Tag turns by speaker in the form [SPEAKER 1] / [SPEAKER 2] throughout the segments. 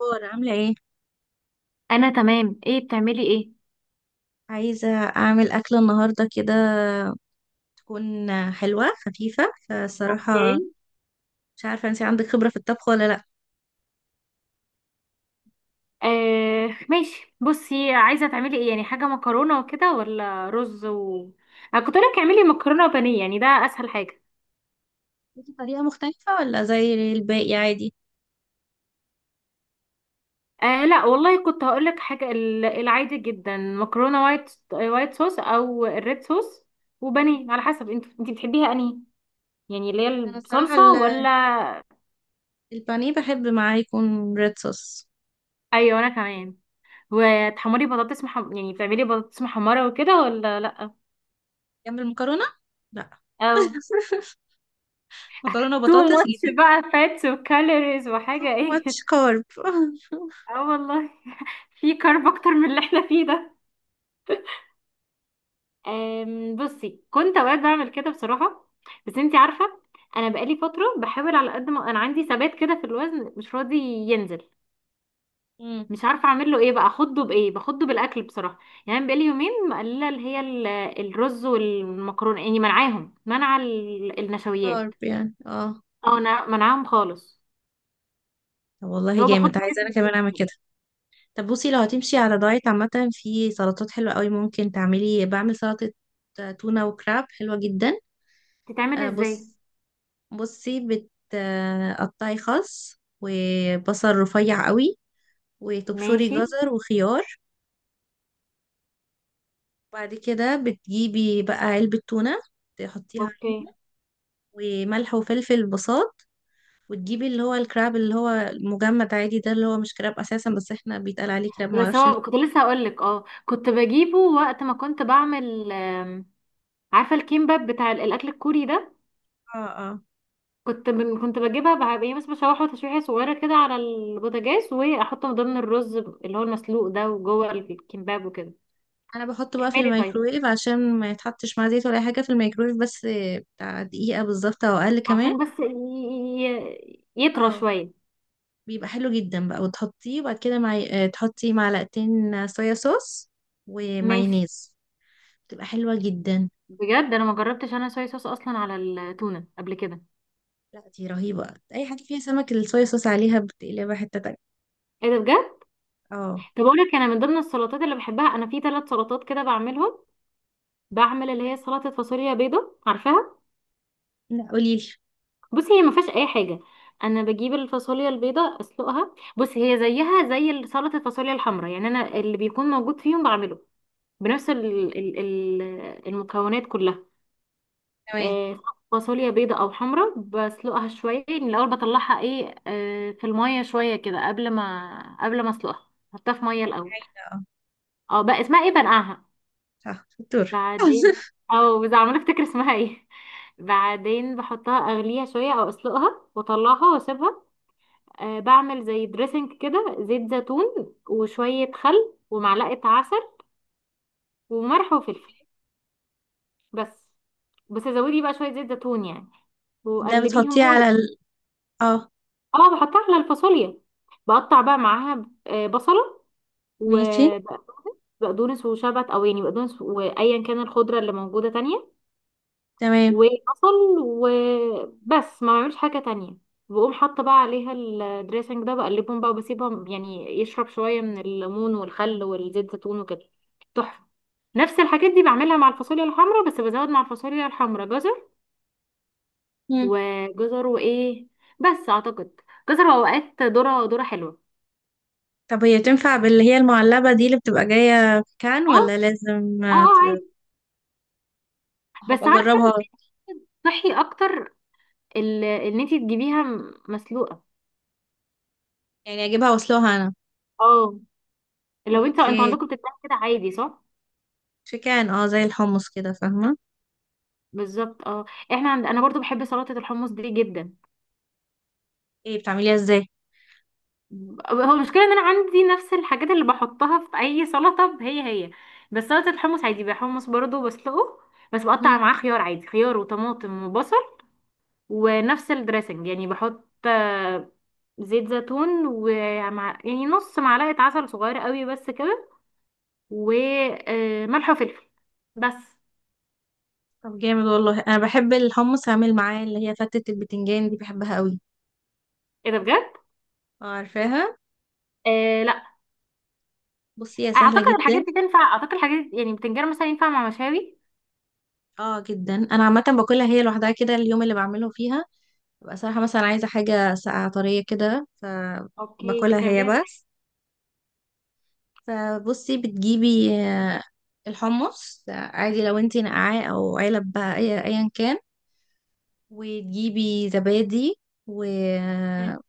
[SPEAKER 1] أخبار عاملة ايه؟
[SPEAKER 2] انا تمام. ايه بتعملي؟ ايه
[SPEAKER 1] عايزة أعمل أكلة النهاردة كده تكون حلوة خفيفة
[SPEAKER 2] اوكي.
[SPEAKER 1] فصراحة. مش عارفة انتي عندك خبرة في الطبخ ولا لأ.
[SPEAKER 2] آه ماشي بصي عايزه تعملي ايه؟ يعني حاجه مكرونه وكده ولا رز و انا كنت لك اعملي مكرونه وبانيه، يعني ده اسهل حاجه.
[SPEAKER 1] ليكي طريقة مختلفة ولا زي الباقي عادي؟
[SPEAKER 2] آه لا والله كنت هقول لك حاجه، العادي جدا مكرونه وايت وايت صوص او الريد صوص، وبانيه على حسب انت بتحبيها انهي، يعني اللي هي
[SPEAKER 1] أنا الصراحة
[SPEAKER 2] بصلصه ولا.
[SPEAKER 1] البانيه بحب معاه يكون ريد صوص.
[SPEAKER 2] ايوه انا كمان. وتحمري بطاطس يعني بتعملي بطاطس محمره وكده ولا لا؟
[SPEAKER 1] جنب المكرونة؟ لأ.
[SPEAKER 2] او
[SPEAKER 1] مكرونة
[SPEAKER 2] تو
[SPEAKER 1] وبطاطس
[SPEAKER 2] ماتش
[SPEAKER 1] جديد.
[SPEAKER 2] بقى، فاتس وكالوريز
[SPEAKER 1] too
[SPEAKER 2] وحاجة ايه
[SPEAKER 1] much carb.
[SPEAKER 2] اه والله. في كارب اكتر من اللي احنا فيه ده. بصي كنت اوقات بعمل كده بصراحة، بس انتي عارفة، انا بقالي فترة بحاول، على قد ما انا عندي ثبات كده في الوزن مش راضي ينزل.
[SPEAKER 1] مم،
[SPEAKER 2] مش عارفة اعمل له ايه بقى، اخده بايه؟ باخده بالاكل بصراحة. يعني أنا بقالي يومين مقللة اللي هي الرز والمكرونة، يعني منعاهم، منع
[SPEAKER 1] carb
[SPEAKER 2] النشويات.
[SPEAKER 1] يعني اه.
[SPEAKER 2] اه منعاهم خالص.
[SPEAKER 1] طب والله
[SPEAKER 2] اللي هو باخد
[SPEAKER 1] جامد، عايزة أنا
[SPEAKER 2] جسمي
[SPEAKER 1] كمان
[SPEAKER 2] بيهم
[SPEAKER 1] أعمل
[SPEAKER 2] كده.
[SPEAKER 1] كده. طب بصي، لو هتمشي على دايت عامة، في سلطات حلوة قوي ممكن تعملي، بعمل سلطة تونة وكراب حلوة جدا.
[SPEAKER 2] تتعمل ازاي؟
[SPEAKER 1] بص، بصي بتقطعي خس وبصل رفيع قوي، وتبشري
[SPEAKER 2] ماشي.
[SPEAKER 1] جزر وخيار، وبعد كده بتجيبي بقى علبة تونة تحطيها
[SPEAKER 2] اوكي.
[SPEAKER 1] عليهم، وملح وفلفل بساط، وتجيبي اللي هو الكراب، اللي هو المجمد عادي ده، اللي هو مش كراب اساسا بس احنا بيتقال عليه كراب،
[SPEAKER 2] بس
[SPEAKER 1] معرفش
[SPEAKER 2] هو
[SPEAKER 1] ليه.
[SPEAKER 2] كنت لسه هقول لك، اه كنت بجيبه وقت ما كنت بعمل، عارفه الكيمباب بتاع الاكل الكوري ده؟
[SPEAKER 1] اه اه،
[SPEAKER 2] كنت بجيبها يعني بس بشوحه تشويحه صغيره كده على البوتاجاز، واحطه من ضمن الرز اللي هو المسلوق ده، وجوه الكيمباب وكده.
[SPEAKER 1] انا بحطه بقى في
[SPEAKER 2] كملي طيب.
[SPEAKER 1] الميكروويف عشان ما يتحطش مع زيت ولا اي حاجه، في الميكروويف بس، بتاع دقيقه بالظبط او اقل كمان.
[SPEAKER 2] عشان بس يطرى
[SPEAKER 1] اه،
[SPEAKER 2] شويه.
[SPEAKER 1] بيبقى حلو جدا بقى وتحطيه، وبعد كده مع... آه، تحطي معلقتين صويا صوص
[SPEAKER 2] ماشي.
[SPEAKER 1] ومايونيز. بتبقى حلوه جدا.
[SPEAKER 2] بجد انا ما جربتش انا صويا صوص اصلا على التونه قبل كده.
[SPEAKER 1] لا دي رهيبه، اي حاجه فيها سمك الصويا صوص عليها بتقلبها حته تانية.
[SPEAKER 2] ايه ده بجد؟
[SPEAKER 1] اه.
[SPEAKER 2] طب اقول لك انا من ضمن السلطات اللي بحبها، انا في ثلاث سلطات كده بعملهم. بعمل اللي هي سلطة فاصوليا بيضة، عارفاها؟
[SPEAKER 1] لا قولي لي.
[SPEAKER 2] بصي هي ما فيهاش اي حاجة. انا بجيب الفاصوليا البيضة اسلقها، بصي هي زيها زي سلطة الفاصوليا الحمراء، يعني انا اللي بيكون موجود فيهم بعمله، بنفس ال المكونات كلها.
[SPEAKER 1] تمام.
[SPEAKER 2] آه، فاصوليا بيضة او حمراء، بسلقها شوية من الاول، بطلعها ايه في المية شوية كده، قبل ما اسلقها، حطها في مية الاول.
[SPEAKER 1] حلو. اه
[SPEAKER 2] اه بقى اسمها ايه، بنقعها.
[SPEAKER 1] صح، شطور.
[SPEAKER 2] بعدين، او بس عمالة افتكر اسمها ايه، بعدين بحطها اغليها شوية او اسلقها واطلعها واسيبها. أه بعمل زي دريسنج كده، زيت زيتون وشوية خل ومعلقة عسل وملح وفلفل بس. بس زودي بقى شوية زيت زيتون يعني،
[SPEAKER 1] ده
[SPEAKER 2] وقلبيهم
[SPEAKER 1] بتحطيه
[SPEAKER 2] بقى.
[SPEAKER 1] على اه.
[SPEAKER 2] اه بحطها على الفاصوليا، بقطع بقى معاها بصلة
[SPEAKER 1] ماشي.
[SPEAKER 2] وبقدونس وشبت، او يعني بقدونس وايا كان الخضرة اللي موجودة تانية،
[SPEAKER 1] تمام.
[SPEAKER 2] وبصل، وبس ما بعملش حاجة تانية. بقوم حاطة بقى عليها الدريسنج ده، بقلبهم بقى وبسيبهم يعني يشرب شوية من الليمون والخل والزيت زيتون وكده. تحفة. نفس الحاجات دي بعملها مع الفاصوليا الحمراء، بس بزود مع الفاصوليا الحمراء جزر، وجزر وايه، بس اعتقد جزر، واوقات ذرة حلوة.
[SPEAKER 1] طب هي تنفع باللي هي المعلبة دي اللي بتبقى جاية في كان،
[SPEAKER 2] اه
[SPEAKER 1] ولا لازم
[SPEAKER 2] اه. اه عادي. بس
[SPEAKER 1] هبقى
[SPEAKER 2] عارفة،
[SPEAKER 1] اجربها؟
[SPEAKER 2] صحي اكتر ان انتي تجيبيها مسلوقة.
[SPEAKER 1] يعني اجيبها واسلقها انا؟
[SPEAKER 2] اه لو انتوا
[SPEAKER 1] اوكي.
[SPEAKER 2] عندكم بتتباع كده عادي، صح؟
[SPEAKER 1] في كان اه، زي الحمص كده، فاهمة.
[SPEAKER 2] بالظبط اه. احنا عند... انا برضو بحب سلطة الحمص دي جدا.
[SPEAKER 1] ايه، بتعمليها ازاي؟
[SPEAKER 2] هو المشكلة ان انا عندي نفس الحاجات اللي بحطها في اي سلطة، هي، بس سلطة الحمص عادي بحمص برضو بسلقه. بس بقطع
[SPEAKER 1] مم.
[SPEAKER 2] معاه خيار عادي، خيار وطماطم وبصل، ونفس الدريسنج، يعني بحط زيت زيتون ومع، يعني نص معلقة عسل صغيرة قوي بس كده، وملح وفلفل بس.
[SPEAKER 1] طب جامد والله، انا بحب الحمص. اعمل معاه اللي هي فتة البتنجان دي، بحبها قوي.
[SPEAKER 2] ايه ده بجد؟
[SPEAKER 1] اه عارفاها.
[SPEAKER 2] آه لا.
[SPEAKER 1] بصي هي سهلة
[SPEAKER 2] اعتقد
[SPEAKER 1] جدا.
[SPEAKER 2] الحاجات دي تنفع، اعتقد الحاجات يعني بتنجان مثلا ينفع مع مشاوي.
[SPEAKER 1] اه جدا، انا عامة باكلها هي لوحدها، كده اليوم اللي بعمله فيها، ببقى صراحة مثلا عايزة حاجة ساقعة طرية كده،
[SPEAKER 2] اوكي
[SPEAKER 1] فباكلها
[SPEAKER 2] طب
[SPEAKER 1] هي
[SPEAKER 2] ليه.
[SPEAKER 1] بس. فبصي، بتجيبي الحمص، عادي لو انتي نقعاه او علب بقى، ايا كان، وتجيبي زبادي
[SPEAKER 2] مم.
[SPEAKER 1] وطحينة،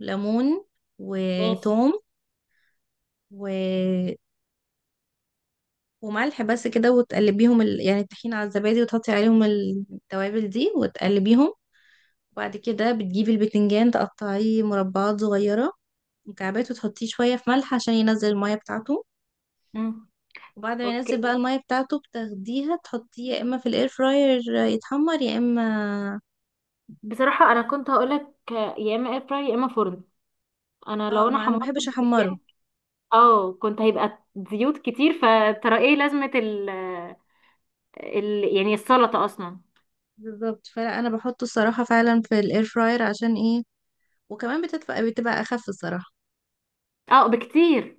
[SPEAKER 1] ليمون،
[SPEAKER 2] ماشي.
[SPEAKER 1] وتوم، و... وملح، بس كده. وتقلبيهم يعني الطحينة على الزبادي، وتحطي عليهم التوابل دي وتقلبيهم. وبعد كده بتجيبي البتنجان، تقطعيه مربعات صغيرة، مكعبات، وتحطيه شوية في ملح عشان ينزل المية بتاعته.
[SPEAKER 2] مم.
[SPEAKER 1] وبعد ما ينزل بقى
[SPEAKER 2] اوكي.
[SPEAKER 1] المية بتاعته بتاخديها، تحطيه يا اما في الاير فراير يتحمر، يا اما
[SPEAKER 2] بصراحة انا كنت هقولك يا اما اير فراير يا اما فرن. انا
[SPEAKER 1] اه.
[SPEAKER 2] لو انا
[SPEAKER 1] ما انا
[SPEAKER 2] حمرت
[SPEAKER 1] بحبش احمره.
[SPEAKER 2] البتنجان اه كنت هيبقى زيوت كتير، فترى ايه لازمة ال يعني السلطة اصلا.
[SPEAKER 1] بالظبط، فلا انا بحطه الصراحة فعلا في الاير فراير، عشان ايه، وكمان بتدفى، بتبقى اخف الصراحة.
[SPEAKER 2] اه بكتير.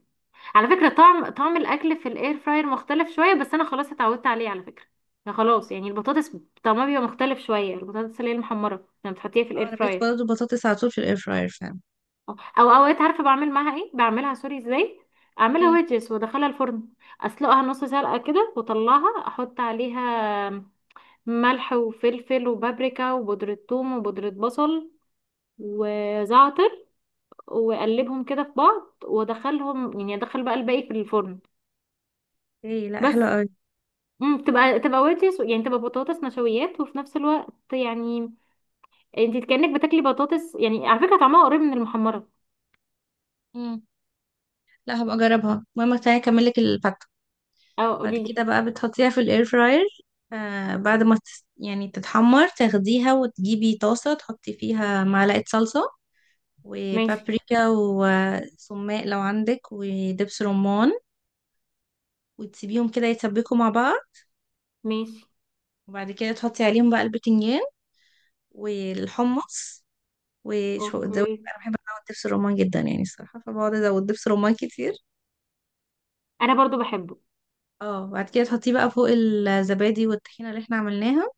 [SPEAKER 2] على فكرة، طعم الاكل في الاير فراير مختلف شوية، بس انا خلاص اتعودت عليه على فكرة. أنا خلاص يعني البطاطس طعمها بيبقى مختلف شوية، البطاطس اللي هي المحمرة لما بتحطيها في
[SPEAKER 1] اه،
[SPEAKER 2] الاير
[SPEAKER 1] انا بقيت
[SPEAKER 2] فراير.
[SPEAKER 1] برضه بطاطس على طول في الاير فراير فعلا.
[SPEAKER 2] اه. او اوقات عارفه بعمل معاها ايه؟ بعملها سوري ازاي، اعملها
[SPEAKER 1] ايه
[SPEAKER 2] ويدجز وادخلها الفرن. اسلقها نص سلقه كده واطلعها، احط عليها ملح وفلفل وبابريكا وبودره ثوم وبودره بصل وزعتر، واقلبهم كده في بعض وادخلهم، يعني ادخل بقى الباقي في الفرن.
[SPEAKER 1] ايه، لا حلوة
[SPEAKER 2] بس
[SPEAKER 1] قوي.
[SPEAKER 2] تبقى ويدجز، يعني تبقى بطاطس نشويات وفي نفس الوقت يعني انت كأنك بتاكلي بطاطس، يعني على فكره طعمها قريب من المحمره.
[SPEAKER 1] امم. لا هبقى اجربها. المهم تعالي اكمل لك الفتة.
[SPEAKER 2] اه
[SPEAKER 1] بعد
[SPEAKER 2] قوليلي.
[SPEAKER 1] كده بقى بتحطيها في الاير فراير، آه بعد ما يعني تتحمر تاخديها، وتجيبي طاسة تحطي فيها معلقة صلصة،
[SPEAKER 2] ماشي.
[SPEAKER 1] وبابريكا، وسماق لو عندك، ودبس رمان، وتسيبيهم كده يتسبكوا مع بعض.
[SPEAKER 2] ماشي.
[SPEAKER 1] وبعد كده تحطي عليهم بقى البتنجان والحمص، وشو زودي بقى،
[SPEAKER 2] اوكي.
[SPEAKER 1] أنا بحب ازود دبس الرمان جدا يعني الصراحة، فبقعد ازود دبس رمان كتير.
[SPEAKER 2] انا برضو بحبه.
[SPEAKER 1] اه، بعد كده تحطيه بقى فوق الزبادي والطحينة اللي احنا عملناها،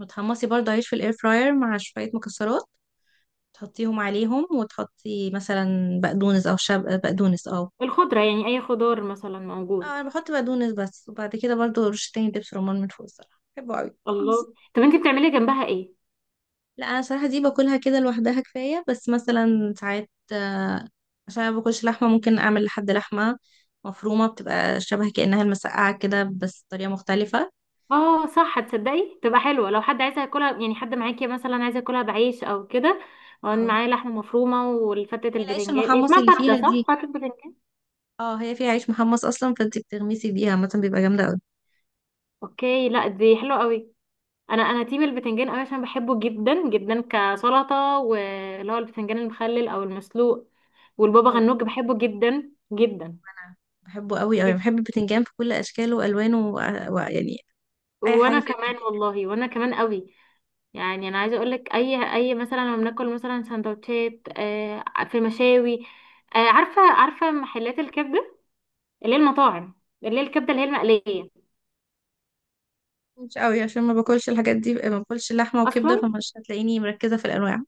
[SPEAKER 1] وتحمصي برضه عيش في الاير فراير مع شوية مكسرات، تحطيهم عليهم، وتحطي مثلا بقدونس او شب بقدونس اه.
[SPEAKER 2] الخضرة يعني، اي خضار مثلا موجود.
[SPEAKER 1] اه، انا بحط بقدونس بس. وبعد كده برضو رشتين دبس رمان من فوق، الصراحه بحبه قوي.
[SPEAKER 2] الله طب انتي بتعملي جنبها ايه؟
[SPEAKER 1] لا انا صراحه دي باكلها كده لوحدها كفايه، بس مثلا ساعات، عشان انا باكلش لحمه، ممكن اعمل لحمه مفرومه، بتبقى شبه كانها المسقعه كده، بس طريقه مختلفه.
[SPEAKER 2] اه صح، تصدقي تبقى حلوة لو حد عايز ياكلها، يعني حد معاكي مثلا عايز ياكلها بعيش او كده، وان
[SPEAKER 1] اه،
[SPEAKER 2] معايا لحمة مفرومة. والفتة
[SPEAKER 1] هي العيش
[SPEAKER 2] البتنجان إيه
[SPEAKER 1] المحمص
[SPEAKER 2] اسمها،
[SPEAKER 1] اللي
[SPEAKER 2] فتة
[SPEAKER 1] فيها
[SPEAKER 2] صح؟
[SPEAKER 1] دي،
[SPEAKER 2] فتة بتنجان.
[SPEAKER 1] اه هي فيها عيش محمص اصلا، فانت بتغمسي بيها مثلا، بيبقى جامده قوي.
[SPEAKER 2] اوكي لا دي حلوة قوي. انا تيم البتنجان قوي، عشان بحبه جدا جدا كسلطة، واللي هو البتنجان المخلل او المسلوق، والبابا
[SPEAKER 1] او
[SPEAKER 2] غنوج بحبه جدا جدا.
[SPEAKER 1] انا بحبه قوي قوي،
[SPEAKER 2] إنتي-
[SPEAKER 1] بحب البتنجان في كل اشكاله والوانه، ويعني اي حاجه
[SPEAKER 2] وانا
[SPEAKER 1] فيها
[SPEAKER 2] كمان
[SPEAKER 1] بتنجان.
[SPEAKER 2] والله، وانا كمان قوي. يعني انا عايزه اقول لك، اي مثلا لما بناكل مثلا سندوتشات في مشاوي، عارفه عارفه محلات الكبده، اللي هي المطاعم، اللي هي الكبده اللي هي المقليه
[SPEAKER 1] مش قوي عشان ما باكلش الحاجات دي، ما باكلش لحمه
[SPEAKER 2] اصلا.
[SPEAKER 1] وكبده، فمش هتلاقيني مركزه في الانواع.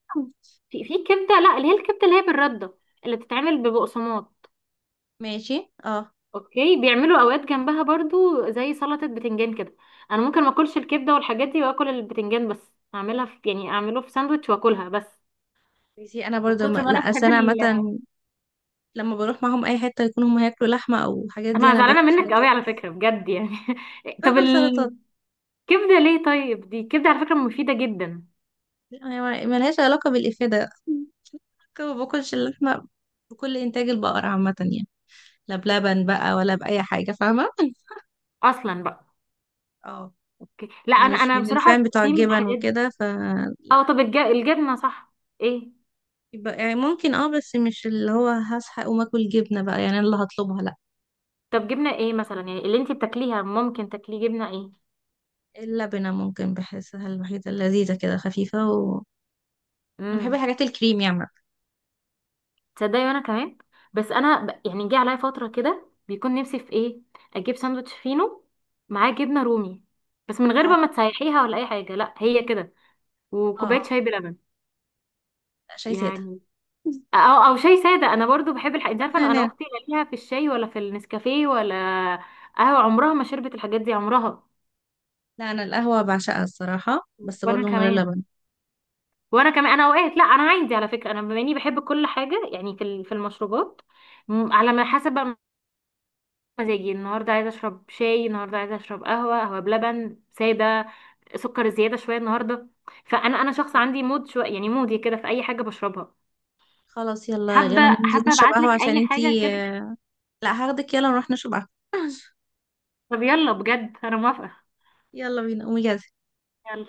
[SPEAKER 2] في كبده، لا اللي هي الكبده اللي هي بالرده، اللي بتتعمل ببقسماط.
[SPEAKER 1] ماشي اه.
[SPEAKER 2] اوكي. بيعملوا اوقات جنبها برضو زي سلطه بتنجان كده. انا ممكن ما اكلش الكبده والحاجات دي واكل البتنجان بس، اعملها في يعني اعمله في ساندوتش واكلها بس،
[SPEAKER 1] ماشي انا
[SPEAKER 2] من
[SPEAKER 1] برضه
[SPEAKER 2] كتر ما
[SPEAKER 1] لا
[SPEAKER 2] انا
[SPEAKER 1] اصل
[SPEAKER 2] بحب
[SPEAKER 1] انا عامه لما بروح معاهم اي حته، يكونوا هم هياكلوا لحمه او حاجات دي،
[SPEAKER 2] انا
[SPEAKER 1] انا باكل
[SPEAKER 2] زعلانه منك قوي
[SPEAKER 1] سلطات
[SPEAKER 2] على
[SPEAKER 1] بس.
[SPEAKER 2] فكره، بجد يعني طب
[SPEAKER 1] باكل سلطات.
[SPEAKER 2] كبده ليه طيب؟ دي كبده على فكره مفيده جدا،
[SPEAKER 1] يعني ملهاش علاقه بالافاده، ما باكلش اللحمه، بكل انتاج البقر عامه يعني، لا بلبن بقى ولا باي حاجه، فاهمه.
[SPEAKER 2] اصلا بقى.
[SPEAKER 1] اه.
[SPEAKER 2] أوكي. لا انا
[SPEAKER 1] مش
[SPEAKER 2] انا
[SPEAKER 1] من
[SPEAKER 2] بصراحه
[SPEAKER 1] الفان بتوع
[SPEAKER 2] دي من
[SPEAKER 1] الجبن
[SPEAKER 2] الحاجات دي.
[SPEAKER 1] وكده، فلا
[SPEAKER 2] اه طب الجبنه صح. ايه.
[SPEAKER 1] يبقى يعني ممكن اه، بس مش اللي هو هصحى اقوم اكل جبنه بقى يعني، أنا اللي هطلبها لا.
[SPEAKER 2] طب جبنه ايه مثلا، يعني اللي انتي بتاكليها، ممكن تاكليه جبنه ايه؟
[SPEAKER 1] اللبنة ممكن، بحسها الوحيدة اللذيذة كده خفيفة، و أنا بحب
[SPEAKER 2] امم.
[SPEAKER 1] الحاجات الكريم يعني.
[SPEAKER 2] تصدقي وانا كمان. بس انا يعني جه عليا فتره كده بيكون نفسي في ايه، اجيب ساندوتش فينو معاه جبنه رومي، بس من غير بقى
[SPEAKER 1] اه
[SPEAKER 2] ما تسيحيها ولا اي حاجه، لا هي كده،
[SPEAKER 1] اه
[SPEAKER 2] وكوبايه
[SPEAKER 1] اه.
[SPEAKER 2] شاي بلبن.
[SPEAKER 1] لا، شاي سادة.
[SPEAKER 2] يعني، او شاي ساده. انا برضو بحب انت عارفه انا،
[SPEAKER 1] نعناع.
[SPEAKER 2] اختي لا ليها في الشاي ولا في النسكافيه ولا قهوه، عمرها ما شربت الحاجات دي عمرها.
[SPEAKER 1] لا أنا القهوة بعشقها الصراحة، بس
[SPEAKER 2] وانا
[SPEAKER 1] برضو من غير
[SPEAKER 2] كمان،
[SPEAKER 1] لبن.
[SPEAKER 2] وانا كمان. انا اوقات لا، انا عندي على فكره انا، بما اني بحب كل حاجه يعني في في المشروبات، على ما حسب بقى مزاجي، النهارده عايزه اشرب شاي، النهارده عايزه اشرب قهوه، قهوه بلبن، ساده، سكر زياده شويه النهارده. فانا انا شخص عندي مود شويه، يعني مودي كده في اي حاجه بشربها.
[SPEAKER 1] خلاص يلا
[SPEAKER 2] حابه
[SPEAKER 1] يلا ننزل
[SPEAKER 2] حابه
[SPEAKER 1] نشرب
[SPEAKER 2] ابعت لك
[SPEAKER 1] قهوة عشان
[SPEAKER 2] اي حاجه
[SPEAKER 1] انتي.
[SPEAKER 2] كده.
[SPEAKER 1] لا هاخدك يلا نروح نشرب قهوة.
[SPEAKER 2] طب يلا بجد انا موافقه.
[SPEAKER 1] يلا بينا، قومي جاهزة.
[SPEAKER 2] يلا.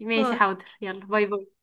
[SPEAKER 2] ماشي
[SPEAKER 1] باي.
[SPEAKER 2] حاضر. يلا باي باي.